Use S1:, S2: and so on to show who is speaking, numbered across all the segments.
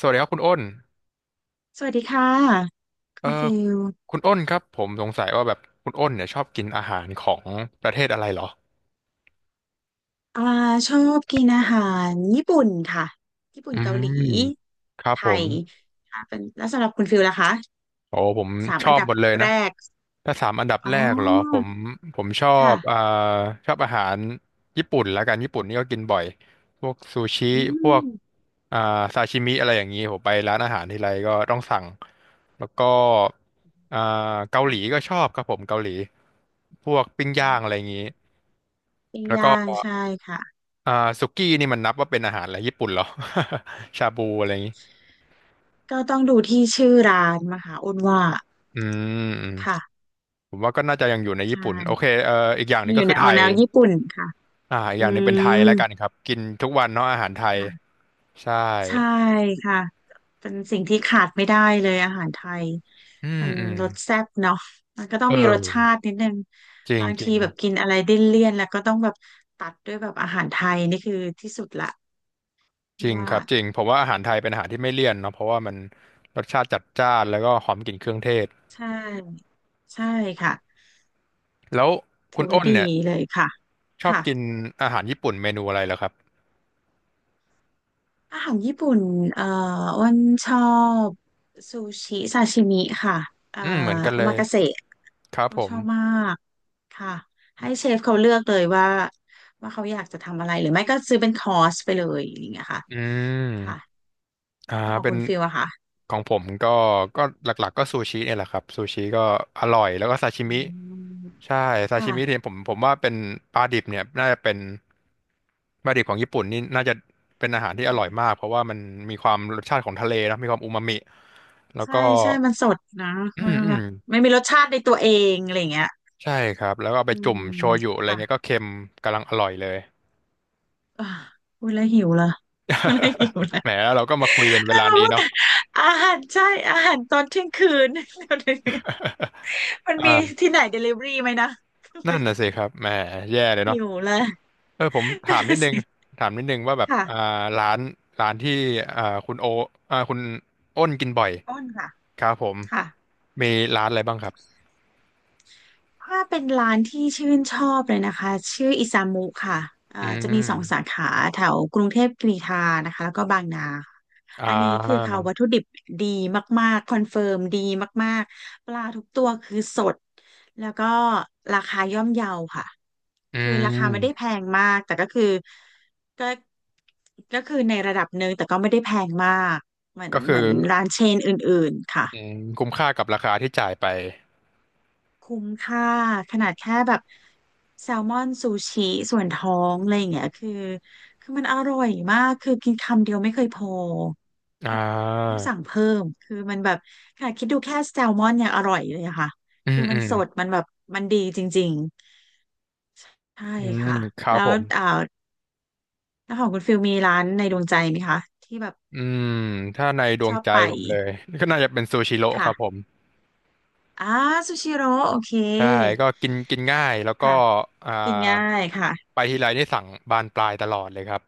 S1: สวัสดีครับคุณอ้น
S2: สวัสดีค่ะคุ
S1: เอ่อ
S2: ณฟิล
S1: คุณอ้นครับผมสงสัยว่าแบบคุณอ้นเนี่ยชอบกินอาหารของประเทศอะไรเหรอ
S2: อ่าชอบกินอาหารญี่ปุ่นค่ะญี่ปุ่
S1: อื
S2: นเกาหลี
S1: มครับ
S2: ไท
S1: ผม
S2: ยค่ะเป็นแล้วสำหรับคุณฟิลล่ะคะ
S1: โอ้ผม
S2: สาม
S1: ช
S2: อั
S1: อ
S2: น
S1: บ
S2: ดับ
S1: หมดเลย
S2: แร
S1: นะ
S2: ก
S1: ถ้าสามอันดับ
S2: อ๋
S1: แร
S2: อ
S1: กเหรอผมชอบ
S2: ค่ะ
S1: ชอบอาหารญี่ปุ่นละกันญี่ปุ่นนี่ก็กินบ่อยพวกซูชิ
S2: อื
S1: พว
S2: ม
S1: กอ่าซาชิมิอะไรอย่างนี้ผมไปร้านอาหารทีไรก็ต้องสั่งแล้วก็อ่าเกาห
S2: ค่ะ
S1: ลีก็ชอบครับผมเกาหลีพวกปิ้ง
S2: อื
S1: ย่างอะไรอ
S2: ม
S1: ย่างนี้
S2: ปิ้ง
S1: แล้วก็
S2: ย่างใช่ค่ะ
S1: อ่าสุกี้นี่มันนับว่าเป็นอาหารอะไรญี่ปุ่นเหรอ ชาบูอะไรอย่างนี้
S2: ก็ต้องดูที่ชื่อร้านมาค่ะอ้นว่า
S1: อืมอืม
S2: ค่ะ
S1: ผมว่าก็น่าจะยังอยู่ใน
S2: ใช
S1: ญี่ปุ่นโอเค
S2: ่
S1: อีกอย่างหนึ่ง
S2: อ
S1: ก็
S2: ยู่ใน
S1: คือ
S2: อ
S1: ไท
S2: อก
S1: ย
S2: แนวญี่ปุ่นค่ะ
S1: อีกอ
S2: อื
S1: ย่างหนึ่งเป็นไทย
S2: ม
S1: แล้วกันครับกินทุกวันเนาะอาหารไทย
S2: ค่ะ
S1: ใช่
S2: ใช่ค่ะเป็นสิ่งที่ขาดไม่ได้เลยอาหารไทย
S1: อืม
S2: มัน
S1: อืม
S2: รสแซ่บเนาะมันก็ต้อ
S1: เอ
S2: งมีรสชา
S1: อ
S2: ตินิดนึง
S1: จริง
S2: บาง
S1: จริ
S2: ที
S1: ง
S2: แบบกินอะไรดิ้นเลี่ยนแล้วก็ต้องแบบตัดด้วยแบบอาหารไทยนี่คือที่สุดละ
S1: จริง
S2: ว่า
S1: ครับจริงผมว่าอาหารไทยเป็นอาหารที่ไม่เลี่ยนเนาะเพราะว่ามันรสชาติจัดจ้านแล้วก็หอมกลิ่นเครื่องเทศ
S2: ใช่ใช่ค่ะ
S1: แล้วคุ
S2: ถื
S1: ณ
S2: อว่า
S1: อ้น
S2: ดี
S1: เนี่ย
S2: เลยค่ะ
S1: ชอบ
S2: ค่ะ
S1: กินอาหารญี่ปุ่นเมนูอะไรเหรอครับ
S2: อาหารญี่ปุ่นเอ่ออ้วนชอบซูชิซาชิมิค่ะเอ่อ
S1: อืมเหมือนกัน
S2: โอ
S1: เล
S2: มา
S1: ย
S2: กาเสะ
S1: ครับ
S2: ก็
S1: ผ
S2: ช
S1: ม
S2: อบมากค่ะให้เชฟเขาเลือกเลยว่าเขาอยากจะทำอะไรหรือไม่ก็ซื้อเป็นคอร์สไปเลยอย่างเงี้ยค่ะ
S1: อื
S2: ค่ะ
S1: ม อ่า
S2: แล้วของ
S1: เป็
S2: คุ
S1: น
S2: ณฟิลอะค่ะ
S1: ของผมก็ก็หลักๆก็ซูชิเนี่ยแหละครับซูชิก็อร่อยแล้วก็ซาชิ
S2: อื
S1: มิ
S2: ม
S1: ใช่ซาชิ
S2: ค่ะ
S1: มิเนี่ยผมว่าเป็นปลาดิบเนี่ยน่าจะเป็นปลาดิบของญี่ปุ่นนี่น่าจะเป็นอาหารที่อ
S2: อ่
S1: ร่อยมาก
S2: า
S1: เพราะว่ามันมีความรสชาติของทะเลนะมีความอูมามิแล้ว
S2: ใช่
S1: ก็
S2: ใช่มันสดนะ
S1: อื
S2: มัน
S1: มอื
S2: แบ
S1: ม
S2: บไม่มีรสชาติในตัวเองอะไรอย่างเงี้ย
S1: ใช่ครับแล้วก็เอาไป
S2: อื
S1: จุ่ม
S2: ม
S1: โชยุอะไร
S2: ค่ะ
S1: เงี้ยก็เค็มกำลังอร่อยเลย
S2: อ่าพูดแล้วหิวเลยพูดแล้วหิวเล ย
S1: แหมแล้วเราก็มาคุยกันเว
S2: แต่
S1: ลา
S2: มา
S1: นี้
S2: พูด
S1: เนาะ
S2: แต่อาหารใช่อาหารตอนเที่ยงคืน เดี๋ยวนี้มัน มี
S1: อ่า
S2: ที่ไหนเดลิเวอรี่ไหมนะ
S1: นั่นน่ะสิครับแหมแย่เลย
S2: หิ
S1: เนาะ
S2: วเลย
S1: เออผมถามนิดนึง ถามนิดนึงว่าแบบ
S2: ค่ะ
S1: ร้านที่อ่าคุณโอคุณอ้นกินบ่อย
S2: อ้นค่ะ
S1: ครับผม
S2: ค่ะ
S1: มีร้านอะไรบ้างครับ
S2: ถ้าเป็นร้านที่ชื่นชอบเลยนะคะชื่ออิซามุค่ะ
S1: อื
S2: จะมีสองสา
S1: ม
S2: ขาแถวกรุงเทพกรีฑานะคะแล้วก็บางนาค่ะ
S1: อ่
S2: อันนี้คือ
S1: า
S2: เขาวัตถุดิบดีมากๆคอนเฟิร์มดีมากๆปลาทุกตัวคือสดแล้วก็ราคาย่อมเยาค่ะ
S1: อื
S2: คือราคาไม่ได้แพ
S1: ม
S2: งมากแต่ก็คือก็ก็คือในระดับหนึ่งแต่ก็ไม่ได้แพงมากเหมือน
S1: ก็คื
S2: เห
S1: อ
S2: มือนร้านเชนอื่นๆค่ะ
S1: อืมคุ้มค่ากับราคาที่จ่ายไป
S2: คุ้มค่าขนาดแค่แบบแซลมอนซูชิส่วนท้องอะไรอย่างเงี้ยคือมันอร่อยมากคือกินคำเดียวไม่เคยพอ
S1: อ่า
S2: ต้องต้องสั่งเพิ่มคือมันแบบขนาดคิดดูแค่แซลมอนยังอร่อยเลยอะค่ะ
S1: อื
S2: คื
S1: ม
S2: อมั
S1: อื
S2: น
S1: ม
S2: สดมันแบบมันดีจริงๆใช่
S1: อืม
S2: ค่ะ
S1: ครับ
S2: แล้
S1: ผ
S2: ว
S1: ม
S2: อ่าแล้วของคุณฟิลมีร้านในดวงใจไหมคะที่แบบ
S1: อืมถ้าในดว
S2: ช
S1: ง
S2: อบ
S1: ใจ
S2: ไป
S1: ผมเลยก็น่าจะเป็นซูชิโร่ครับผ
S2: ค่ะ
S1: ม
S2: อ่าซูชิโร่โอเค
S1: ใช่ก็กินกินง่ายแล้วก็
S2: ค่ะ
S1: อ่า
S2: กินง่ายค่ะ
S1: ไปทีไรนี่สั่งบานปลายตลอดเลยครับ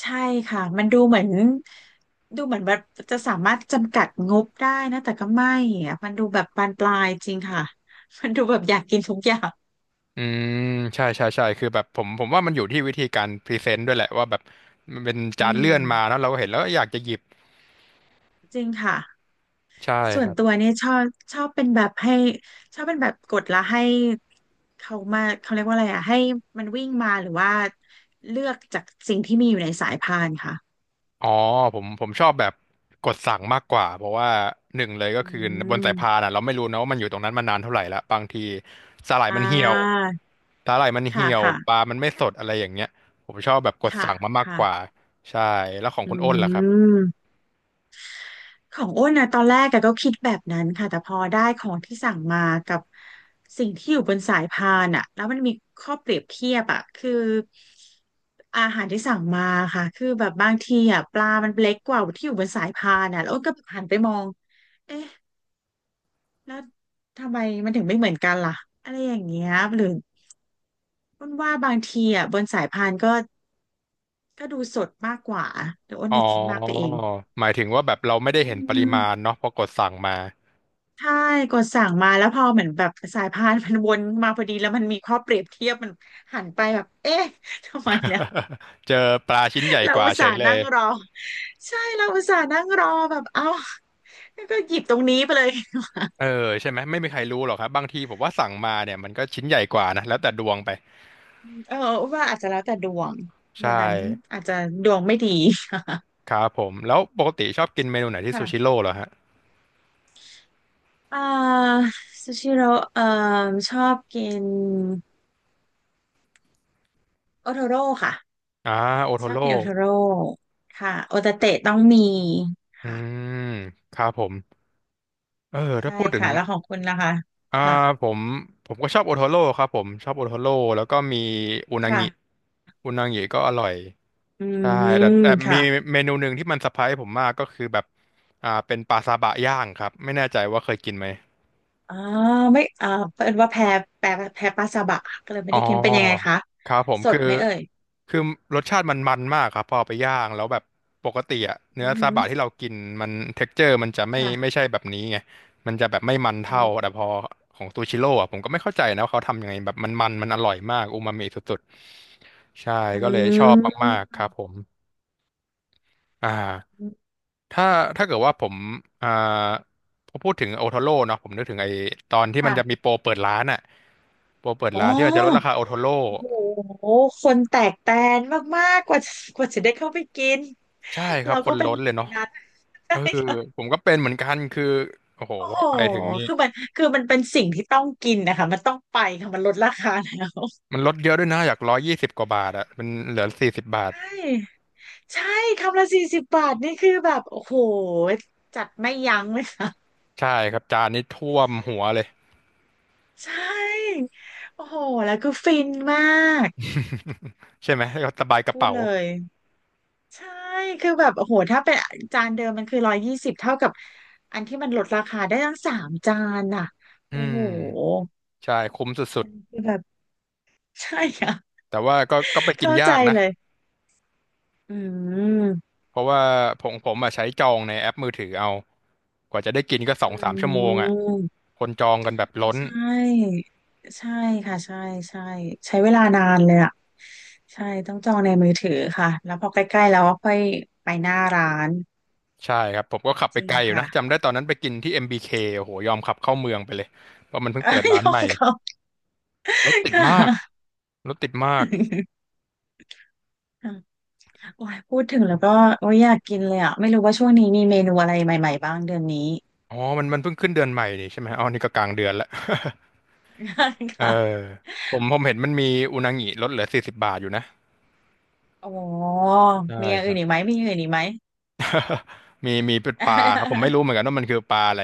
S2: ใช่ค่ะมันดูเหมือนแบบจะสามารถจำกัดงบได้นะแต่ก็ไม่อะมันดูแบบบานปลายจริงค่ะ มันดูแบบอยากกินทุกอย่าง
S1: อืมใช่ใช่ใช่คือแบบผมว่ามันอยู่ที่วิธีการพรีเซนต์ด้วยแหละว่าแบบมันเป็น
S2: อื
S1: จานเลื่อนมา
S2: ม
S1: แล้วเราก็เห็นแล้วก็อยากจะหยิบ
S2: จริงค่ะ
S1: ใช่
S2: ส่
S1: ค
S2: วน
S1: รั
S2: ตัว
S1: บ
S2: เนี่ยชอบเป็นแบบให้ชอบเป็นแบบกดแล้วให้เขามาเขาเรียกว่าอะไรอ่ะให้มันวิ่งมาหรือว่าเลือกจากสิ่งที่มีอยู่ในสายพานค่ะ
S1: อ๋อผมชอบแบบกดสั่งมากกว่าเพราะว่าหนึ่งเลยก็
S2: อื
S1: คือบนสายพาน
S2: ม
S1: อ่ะเราไม่รู้นะว่ามันอยู่ตรงนั้นมานานเท่าไหร่ละบางทีสาหร่าย
S2: อ่
S1: มันเหี่ยว
S2: า
S1: สาหร่ายมัน
S2: ค่ะ
S1: เหี่ยว
S2: ค่ะ
S1: ปลามันไม่สดอะไรอย่างเงี้ยผมชอบแบบกด
S2: ค่ะ
S1: สั่งมามาก
S2: ค่ะ
S1: กว่าใช่แล้วของ
S2: อื
S1: คุณอ้นล่ะครับ
S2: ม ของอ้นนะตอนแรกอะก็คิดแบบนั้นค่ะแต่พอได้ของที่สั่งมากับสิ่งที่อยู่บนสายพานอะแล้วมันมีข้อเปรียบเทียบอะคืออาหารที่สั่งมาค่ะคือแบบบางทีอะปลามันเล็กกว่าที่อยู่บนสายพานอะแล้วอ้นก็หันไปมองเอ๊ะแล้วทำไมมันถึงไม่เหมือนกันล่ะอะไรอย่างเงี้ยหรืออ้นว่าบางทีอะบนสายพานก็ดูสดมากกว่าเดี๋ยวอ้น
S1: อ๋อ
S2: จะคิดมากไปเอง
S1: หมายถึงว่าแบบเราไม่ได้เห็นป
S2: อื
S1: ริ
S2: ม
S1: มาณเนาะพอกดสั่งมา
S2: ใช่กดสั่งมาแล้วพอเหมือนแบบสายพานมันวนมาพอดีแล้วมันมีข้อเปรียบเทียบมันหันไปแบบเอ๊ะทำไมเนี่ย
S1: เจอปลาชิ้นให ญ่
S2: เรา
S1: กว่า
S2: อุต
S1: เฉ
S2: ส่า
S1: ย
S2: ห์
S1: เลย
S2: นั่งรอใช่เราอุตส่าห์นั่งรอแบบเอ้าแล้วก็หยิบตรงนี้ไปเลย
S1: เออใช่ไหมไม่มีใครรู้หรอกครับบางทีผมว่าสั่งมาเนี่ยมันก็ชิ้นใหญ่กว่านะแล้วแต่ดวงไป
S2: เออว่าอาจจะแล้วแต่ดวง
S1: ใช่
S2: วันนั้นอาจจะดวงไม่ดี
S1: ครับผมแล้วปกติชอบกินเมนูไหน ที่
S2: ค่ะ
S1: ซูชิ โร่เหรอฮะ
S2: เอ่อซูชิโร่เอ่อชอบกินโอโทโร่ค่ะ
S1: อ่าโอโท
S2: ชอบ
S1: โร่
S2: กินโอโทโร่ค่ะโอตาเตะต้องมี
S1: อื
S2: ค่ะ
S1: มครับผมเออถ้า
S2: ใช่
S1: พูดถึง
S2: ค่ะแล้วของคุณล่ะคะ
S1: อ่า
S2: ค่ะ
S1: ผมก็ชอบโอโทโร่ครับผมชอบโอโทโร่แล้วก็มีอุนา
S2: ค่ะ
S1: งิอุนางิก็อร่อย
S2: อื
S1: ใช่
S2: ม
S1: แต่
S2: ค่ะ
S1: มีเมนูหนึ่งที่มันเซอร์ไพรส์ผมมากก็คือแบบเป็นปลาซาบะย่างครับไม่แน่ใจว่าเคยกินไหม
S2: อ๋อไม่เพิ่นว่าแพ้แพ้ปลาซาบะค่ะก็เลยไม่
S1: อ๋อ
S2: ได้กินเป็นยังไงคะ
S1: ครับผม
S2: สด
S1: คือ
S2: ไหมเอ่ย
S1: คือรสชาติมันมันมากครับพอเอาไปย่างแล้วแบบปกติอะเนื้
S2: อื
S1: อซา
S2: ม
S1: บะที่เรากินมันเท็กเจอร์มันจะไม่ไม่
S2: ค่ะ
S1: ใช่แบบนี้ไงมันจะแบบไม่มัน
S2: อื
S1: เท่า
S2: ม
S1: แต่พอของซูชิโร่อะผมก็ไม่เข้าใจนะว่าเขาทำยังไงแบบมันมันมันอร่อยมากอูมามิสุดๆใช่ก็เลยชอบมากๆครับผมอ่าถ้าถ้าเกิดว่าผมอ่าพอพูดถึงโอโทโร่เนาะผมนึกถึงไอ้ตอนที่มันจะมี
S2: ค่ะ
S1: โปรเปิดร้านอะโปรเปิด
S2: อ๋อ
S1: ร้านที่มันจะลดราคาโอโทโร่
S2: โอ้โหคนแตกแตนมากๆกว่าจะได้เข้าไปกิน
S1: ใช่ครั
S2: เรา
S1: บค
S2: ก็
S1: น
S2: เป็น
S1: ล้
S2: ห
S1: น
S2: นึ่
S1: เล
S2: ง
S1: ย
S2: ใน
S1: เนาะ
S2: นั้น
S1: เออ ผมก็เป็นเหมือนกันคือโอ้โห
S2: โอ้โห
S1: ไปถึงนี่
S2: คือมันเป็นสิ่งที่ต้องกินนะคะมันต้องไปค่ะมันลดราคาแล้ว
S1: มันลดเยอะด้วยนะอยากร้อยยี่สิบกว่าบาทอะมันเหลือสี่สิบบาท
S2: ใช่ ใช่คำละ40 บาทนี่คือแบบโอ้โหจัดไม่ยั้งเลยค่ะ
S1: ใช่ครับจานนี้ท่วมหัวเลย
S2: ใช่โอ้โหแล้วคือฟินมาก
S1: ใช่ไหมก็สบายกระ
S2: พูด
S1: เป๋า
S2: เลยใช่คือแบบโอ้โหถ้าเป็นจานเดิมมันคือ120เท่ากับอันที่มันลดราคาได้ตั้งสามจานน่ะ
S1: อื
S2: โอ้โห
S1: มใช่คุ้มสุ
S2: อั
S1: ด
S2: นนี้คือแบบ ใช่ค่ะ
S1: ๆแต่ว่าก็ก็ไปกิน
S2: เข้า
S1: ยา
S2: ใจ
S1: กนะ
S2: เลยอืม
S1: เพราะว่าผมอะใช้จองในแอปมือถือเอากว่าจะได้กินก็สอ
S2: อ
S1: งสามชั่วโม
S2: ื
S1: งอะ
S2: ม
S1: คนจองกันแบบล้น
S2: ใช่ใช่ค่ะใช่ใช่ใช้เวลานานเลยอ่ะใช่ต้องจองในมือถือค่ะแล้วพอใกล้ๆแล้วก็ค่อยไปหน้าร้าน
S1: ใช่ครับผมก็ขับ
S2: จ
S1: ไป
S2: ริ
S1: ไก
S2: ง
S1: ลอยู่นะ
S2: ค่ะ
S1: จำได้ตอนนั้นไปกินที่ MBK โอ้โหยอมขับเข้าเมืองไปเลยเพราะมันเพิ่งเปิด ร้า
S2: ย
S1: น
S2: อ
S1: ใหม่
S2: มเขา
S1: รถติด
S2: ค่
S1: มาก
S2: ะ
S1: รถติดมาก
S2: ค่ะโอ้ยพูดถึงแล้วก็โอ้ยอยากกินเลยอ่ะไม่รู้ว่าช่วงนี้มีเมนูอะไรใหม่ๆบ้างเดือนนี้
S1: อ๋อมันเพิ่งขึ้นเดือนใหม่นี่ใช่ไหมอ๋อนี่ก็กลางเดือนละ เออ
S2: ค่ะ
S1: ผมเห็นมันมีอุนางิลดเหลือสี่สิบบาทอยู่นะ
S2: อ๋อ
S1: ใช่
S2: มีอย่าง
S1: ค
S2: อื่
S1: รั
S2: นอีก
S1: บ
S2: ไหมมีอย่างอื่นอีกไหม
S1: มีเป็นปลาครับผมไม่ รู้เหมือนกันว่ามันคือปลาอะไร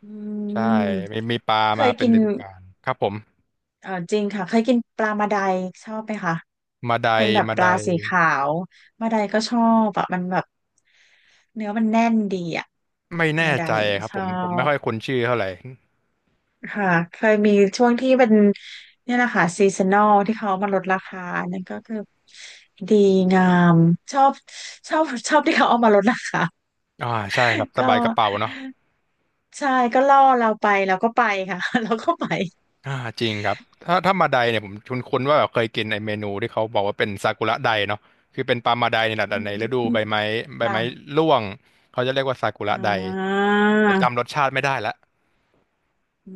S2: อื
S1: ใช่
S2: ม
S1: มีปลา
S2: เค
S1: มา
S2: ย
S1: เป็
S2: กิ
S1: น
S2: น
S1: ฤดูกาลครับผม
S2: เออจริงค่ะเคยกินปลามาไดชอบไหมคะ
S1: มาได
S2: เป็นแบบ
S1: มา
S2: ป
S1: ได
S2: ลาสีขาวมาไดก็ชอบอะมันแบบเนื้อมันแน่นดีอะ
S1: ไม่แน่
S2: มาได
S1: ใจครับ
S2: ช
S1: ผ
S2: อ
S1: มผมไม่
S2: บ
S1: ค่อยคุ้นชื่อเท่าไหร่
S2: ค่ะเคยมีช่วงที่เป็นเนี่ยแหละค่ะซีซันนอลที่เขามาลดราคานั่นก็คือดีงามชอบชอบชอบที่เขาเอามาลดราคา
S1: อ่าใช่ครับ ส
S2: ก็
S1: บายกระเป๋าเนาะ
S2: ใช่ก็ล่อเราไปเราก็ไปค่ะ เราก็ไป
S1: อ่าจริงครับถ้ามาไดเนี่ยผมคุ้นๆว่าแบบเคยกินไอเมนูที่เขาบอกว่าเป็นซากุระไดเนาะคือเป็นปลามาไดในหละ
S2: อื
S1: แต่ในฤดู
S2: ม
S1: ใบไม้ใบไม้
S2: ค่ะ
S1: ร่วงเขาจะเรียกว่าซากุระ
S2: อ่
S1: ได
S2: า
S1: แต่จำรสชาติไม่ได้ละ
S2: อื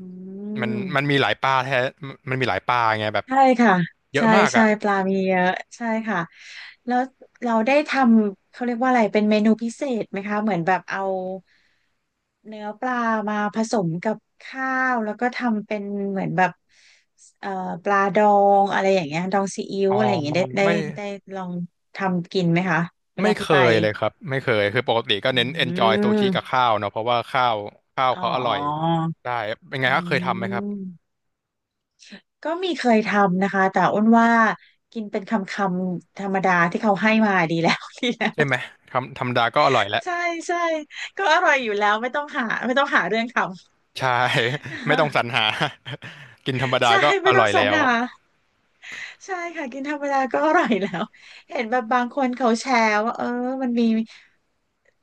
S1: มันมัน
S2: ม
S1: มีหลายปลาแท้มีหลายปลาไงแบบ
S2: ใช่ค่ะ
S1: เย
S2: ใช่
S1: อะมาก
S2: ใช่
S1: อ่ะ
S2: ปลามีเยอะใช่ค่ะแล้วเราได้ทำเขาเรียกว่าอะไรเป็นเมนูพิเศษไหมคะเหมือนแบบเอาเนื้อปลามาผสมกับข้าวแล้วก็ทำเป็นเหมือนแบบเอ่อปลาดองอะไรอย่างเงี้ยดองซีอิ๊ว
S1: อ๋อ
S2: อะไรอย่างเงี้ย
S1: ไม่
S2: ได้ลองทำกินไหมคะเว
S1: ไม่
S2: ลา
S1: เค
S2: ที่ไป
S1: ยเลยครับไม่เคยคือปกติก็
S2: อื
S1: เน้น enjoy ซูชิกับ
S2: ม
S1: ข้าวเนาะเพราะว่าข้าว
S2: อ๋อ
S1: เขาอร่อยได้เป็นไง
S2: อื
S1: ครับเคยทำไหมครับ
S2: ม ก็มีเคยทำนะคะแต่อ้วนว่ากินเป็นคำคำธรรมดาที่เขาให้มาดีแล้ว ดีแล้ว
S1: ใช่ไหมทำธรรมดาก็อร่อยแล้ว
S2: ใช่ใช่ก็อร่อยอยู่แล้วไม่ต้องหาไม่ต้องหาเรื่องทำ
S1: ใช่ ไม่ต้องสรร หา กินธรรมดา
S2: ใช่
S1: ก็อ
S2: ไม่ต้อ
S1: ร่อ
S2: ง
S1: ย
S2: สรร
S1: แล้ว
S2: หาใช่ค่ะกินธรรมดาก็อร่อยแล้วเห็นแบบบางคนเขาแชร์ว่าเออมันมี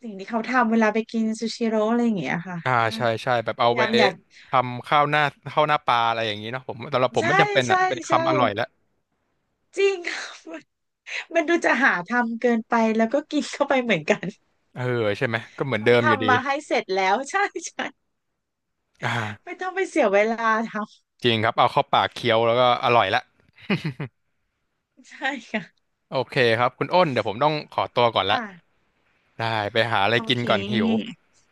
S2: สิ่งที่เขาทำเวลาไปกินซูชิโร่อะไรอย่างเงี้ยค่ะก็
S1: ใช่ใช่แบบ
S2: พ
S1: เอา
S2: ยา
S1: ไป
S2: ยามอยาก
S1: ทำข้าวหน้าปลาอะไรอย่างนี้เนาะผมสำหรับผม
S2: ใช่
S1: ไม่จำเป็นอ่ะ
S2: ใช่
S1: เป็น
S2: ใช่
S1: คำอร่อยแล้ว
S2: จริง ค่ะมันมันดูจะหาทำเกินไปแล้วก็กินเข้าไปเหมือนกัน
S1: เออใช่ไหมก็เหมือน
S2: เขา
S1: เดิมอยู่ดี
S2: ทำมาให้เสร็จแล้ว ใช่ใช่
S1: อ่า
S2: ไม่ต้องไปเสียเวลาทำ
S1: จริงครับเอาเข้าปากเคี้ยวแล้วก็อร่อยละ
S2: ใช่ค่ะ
S1: โอเคครับคุณอ้นเดี๋ยวผมต้องขอตัวก่อนละ
S2: ค่ะ
S1: ได้ไปหาอะไร
S2: โอ
S1: กิน
S2: เค
S1: ก่อนหิว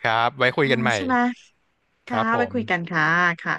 S1: ครับไว้คุ
S2: โอ้
S1: ยกันใหม่
S2: ใช่ไหม
S1: ค
S2: ค่ะ
S1: รับผ
S2: ไว้
S1: ม
S2: คุยกันค่ะค่ะ